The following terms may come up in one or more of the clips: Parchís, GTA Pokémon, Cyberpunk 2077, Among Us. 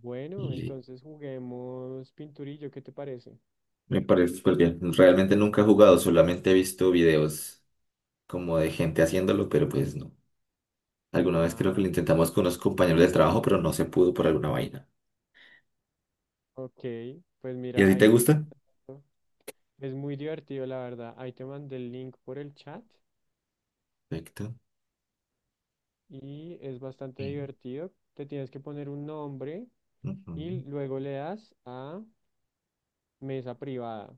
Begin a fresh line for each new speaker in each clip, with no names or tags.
Bueno,
Y
entonces juguemos pinturillo, ¿qué te parece?
me parece porque realmente nunca he jugado, solamente he visto videos como de gente haciéndolo, pero pues no. Alguna vez creo que
Ah,
lo
ok.
intentamos con unos compañeros de trabajo, pero no se pudo por alguna vaina.
Ok, pues
¿Y a
mira,
ti te
ahí te estoy
gusta?
mandando- Es muy divertido, la verdad. Ahí te mandé el link por el chat
Perfecto.
y es bastante
Sí.
divertido. Te tienes que poner un nombre y
Ujú.
luego le das a mesa privada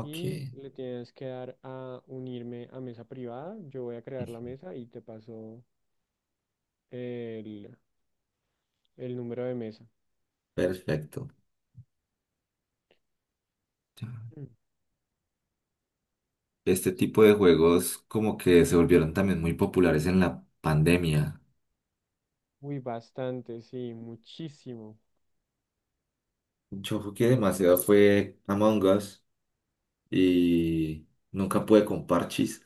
y le tienes que dar a unirme a mesa privada. Yo voy a crear la
Ujú.
mesa y te paso el, el número de mesa.
Perfecto. Ya.
Mm.
Este tipo de juegos como que se volvieron también muy populares en la pandemia.
Uy, bastante, sí, muchísimo.
Yo jugué demasiado fue Among Us y nunca pude con Parchís.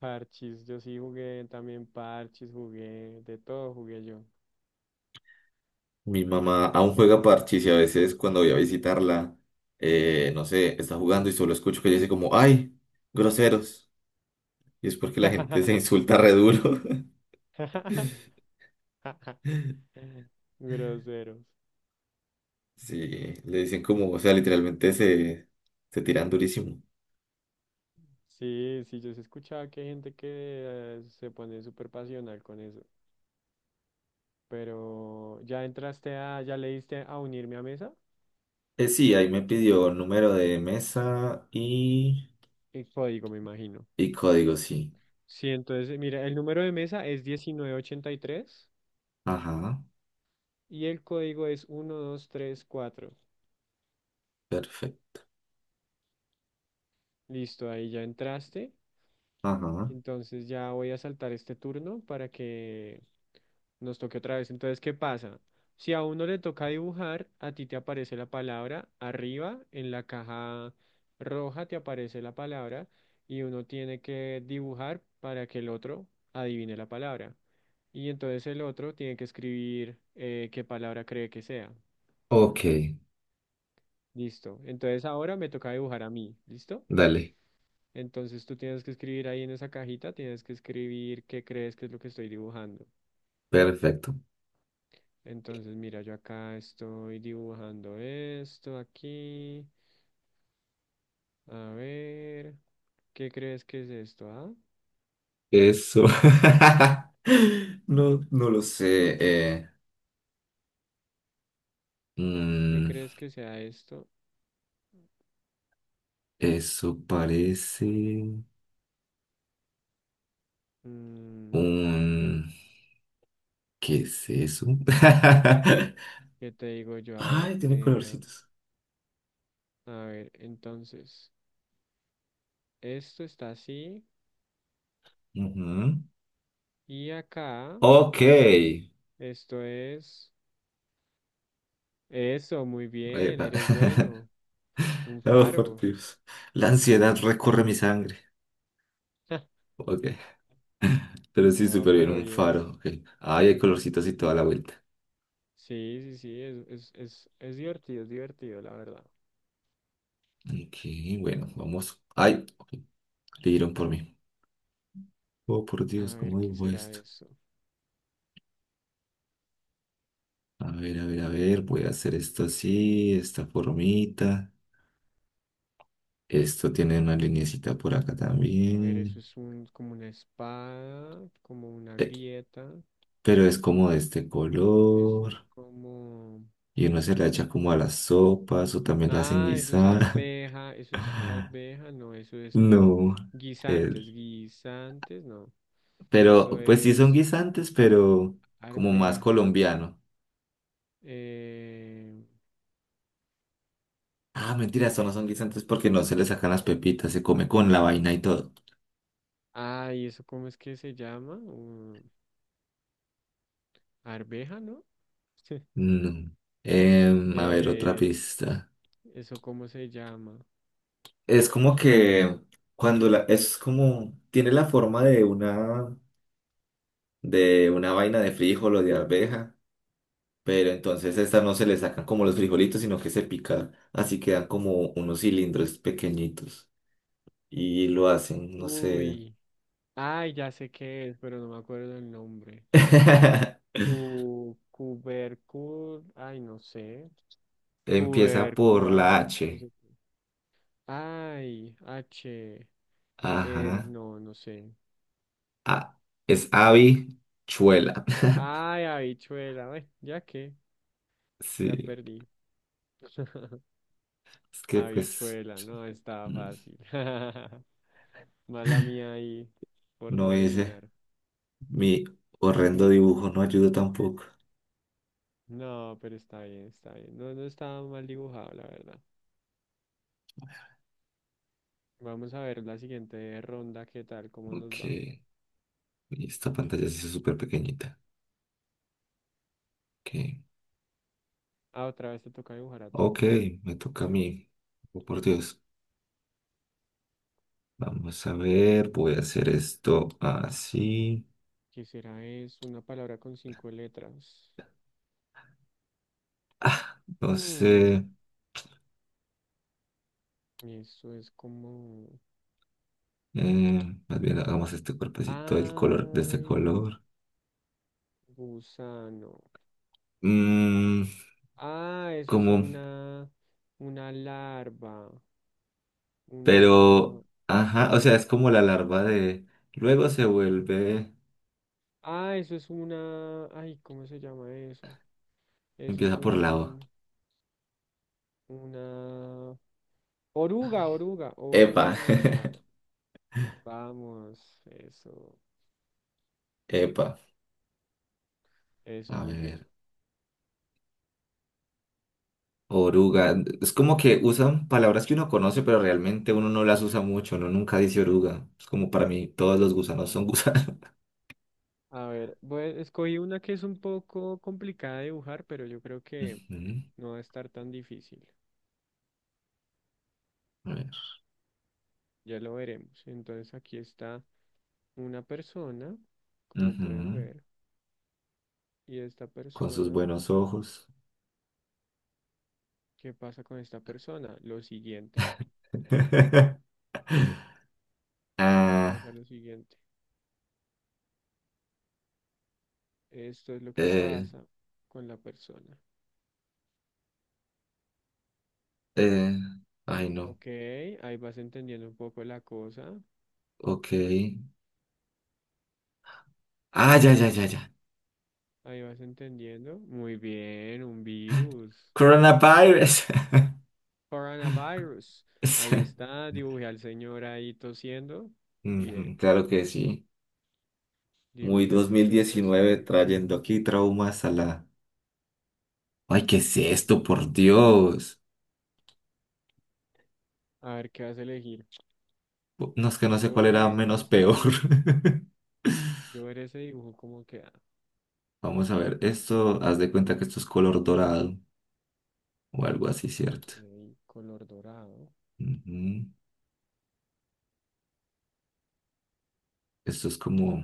Parchis, yo sí jugué también parchis, jugué, de todo jugué yo.
Mi mamá aún juega parchís y a veces cuando voy a visitarla, no sé, está jugando y solo escucho que ella dice como, ¡ay! Groseros. Y es porque la gente se insulta re duro.
Groseros.
Sí, le dicen como, o sea, literalmente se tiran durísimo.
Sí, sí, yo sí escuchaba que hay gente que se pone súper pasional con eso. Pero ya entraste a, ya le diste a unirme a mesa.
Sí, ahí me pidió número de mesa
El código, me imagino.
y código, sí.
Sí, entonces, mira, el número de mesa es 1983
Ajá,
y el código es 1234.
perfecto.
Listo, ahí ya entraste.
Ajá.
Entonces ya voy a saltar este turno para que nos toque otra vez. Entonces, ¿qué pasa? Si a uno le toca dibujar, a ti te aparece la palabra arriba, en la caja roja te aparece la palabra y uno tiene que dibujar para que el otro adivine la palabra. Y entonces el otro tiene que escribir qué palabra cree que sea. ¿Mm?
Ok,
Listo. Entonces ahora me toca dibujar a mí. ¿Listo?
dale,
Entonces tú tienes que escribir ahí en esa cajita, tienes que escribir qué crees que es lo que estoy dibujando.
perfecto.
Entonces mira, yo acá estoy dibujando esto aquí. A ver, ¿qué crees que es esto? ¿Ah?
Eso. No, no lo sé.
¿Qué
Mm,
crees que sea esto?
eso parece
Mm,
un... ¿Qué es eso?
¿qué te digo yo?
Ay, tiene colorcitos.
A ver, entonces, esto está así
Ujú.
y acá,
Ok.
esto es... Eso, muy bien,
Epa.
eres bueno. Un
Oh, por
faro.
Dios. La ansiedad recorre mi sangre. Ok. Pero sí,
No,
súper bien.
pero
Un
bien.
faro. Ok. Ay, hay colorcitos y toda la vuelta.
Sí, sí, sí, es divertido, es divertido, la verdad.
Ok, bueno, vamos. Ay, ok, le dieron por mí. Oh, por
A
Dios,
ver,
¿cómo
¿qué
digo
será
esto?
eso?
A ver, a ver, a ver. Voy a hacer esto así, esta formita. Esto tiene una linecita por acá
A ver, eso
también.
es un, como una espada, como una
Eh,
grieta.
pero es como de este
Eso es
color.
como...
Y uno se la echa como a las sopas o también la hacen
Ah,
guisar.
eso es arveja, no, eso es como
No.
guisantes,
el-
guisantes, no. Eso
pero pues sí son
es
guisantes, pero como más
arveja.
colombiano.
Eh...
Ah, mentira, estos no son guisantes porque no se le sacan las pepitas, se come con la vaina y todo.
Ah, ¿y eso cómo es que se llama? Arveja, ¿no?
No. A ver, otra
Eh,
pista.
¿eso cómo se llama?
Es como que cuando es como, tiene la forma de una vaina de frijol o de arveja, pero entonces estas no se le sacan como los frijolitos, sino que se pica, así quedan como unos cilindros pequeñitos y lo hacen, no sé.
Uy. Ay, ya sé qué es, pero no me acuerdo el nombre. Cu, cubercul, ay, no sé.
Empieza por la
Cubercuan, no
H.
sé qué. Ay, H, er,
Ajá.
no, no sé.
Ah, es habichuela.
Ay, habichuela, ay, ya qué, ya
Sí,
perdí.
es que pues
Habichuela, no, estaba
mm,
fácil. Mala mía ahí, por no
no hice
adivinar.
mi horrendo dibujo, no ayudo tampoco.
No, pero está bien, está bien. No, no estaba mal dibujado, la verdad. Vamos a ver la siguiente ronda, qué tal, cómo
Ok,
nos va.
y esta pantalla se es súper pequeñita. Ok.
Ah, otra vez te toca dibujar a ti.
Ok, me toca a mí. Oh, por Dios. Vamos a ver, voy a hacer esto así.
Quisiera. Es una palabra con cinco letras.
No
Hmm,
sé.
y eso es como...
Más bien hagamos este cuerpecito, el color de este
Ay,
color.
gusano.
Mm,
Ah, eso es
como,
una... Una larva.
pero,
Una...
ajá, o sea, es como la larva de... Luego se vuelve,
Ah, eso es una... Ay, ¿cómo se llama eso? Eso es
empieza por lava.
un... Una... Oruga, oruga,
Epa.
oruga. Vamos, eso.
Epa,
Eso,
a
muy bien.
ver, oruga. Es como que usan palabras que uno conoce, pero realmente uno no las usa mucho, uno nunca dice oruga. Es como para mí, todos
Sí,
los gusanos son
total.
gusanos.
A ver, voy- escogí una que es un poco complicada de dibujar, pero yo creo que
Ujú.
no va a estar tan difícil.
A ver.
Ya lo veremos. Entonces aquí está una persona, como puedes
Ujú.
ver, y esta
Con sus
persona,
buenos ojos.
¿qué pasa con esta persona? Lo siguiente, pasa
Ah,
lo siguiente. Esto es lo que
eh,
pasa con la persona.
eh, ay, no.
Ok, ahí vas entendiendo un poco la cosa.
Ok. Ah, ya, ya, ya, ya.
Ahí vas entendiendo. Muy bien, un virus.
Coronavirus.
Coronavirus. Ahí
Sí.
está. Dibujé al señor ahí tosiendo.
Ujú.
Bien.
Claro que sí. Muy
Dibujé al
dos mil
señor ahí
diecinueve
tosiendo.
trayendo aquí traumas a la... Ay, ¿qué es
Y
esto? Por Dios.
a ver qué vas a elegir.
No es que no sé
Yo
cuál era
veré
menos
ese
peor.
dibujo. Yo veré ese dibujo cómo queda.
Vamos a ver, esto, haz de cuenta que esto es color dorado o algo así, ¿cierto?
Ok. Color dorado.
Ujú. Esto es como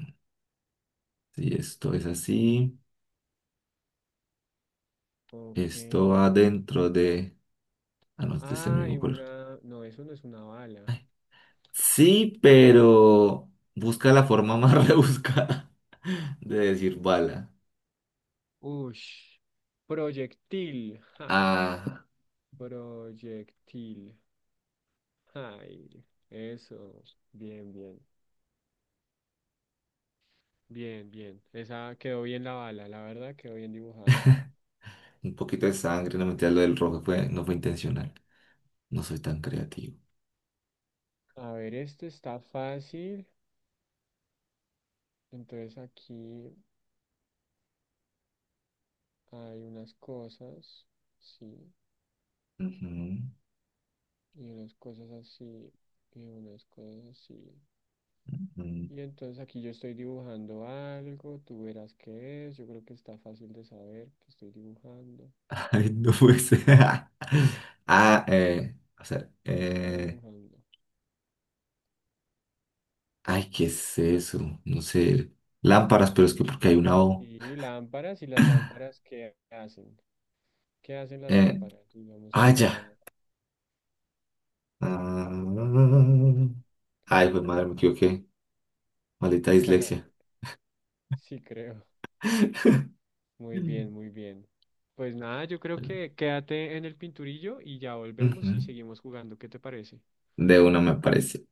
si esto es así,
Ok.
esto va dentro de... Ah, no, es de este
Ah, y
mismo color.
una. No, eso no es una bala.
Sí,
Ah.
pero busca la forma más rebuscada de decir bala.
Ush. Proyectil. Ja.
Ah,
Proyectil. Ay. Eso. Bien, bien. Bien, bien. Esa quedó bien la bala, la verdad, quedó bien dibujada.
un poquito de sangre, no mentira, lo del rojo fue, no fue intencional. No soy tan creativo.
A ver, esto está fácil. Entonces aquí hay unas cosas, sí,
Ujú,
y unas cosas así, y unas cosas así.
ujú.
Y entonces aquí yo estoy dibujando algo, tú verás qué es. Yo creo que está fácil de saber que estoy dibujando.
Ay, no puede ser. Ah, eh, o sea,
¿Qué estaré
eh,
dibujando?
ay, ¿qué es eso? No sé. Lámparas, pero es que porque hay una O.
Y lámparas, y las lámparas, ¿qué hacen? ¿Qué hacen las
Eh,
lámparas? Digamos que
ah,
acá...
ya. Ah.
ah,
Ay, pues madre, me equivoqué. Maldita dislexia.
sí, creo. Muy
Mm.
bien, muy bien. Pues nada, yo creo que quédate en el pinturillo y ya volvemos y
Ujú.
seguimos jugando. ¿Qué te parece?
De una me parece.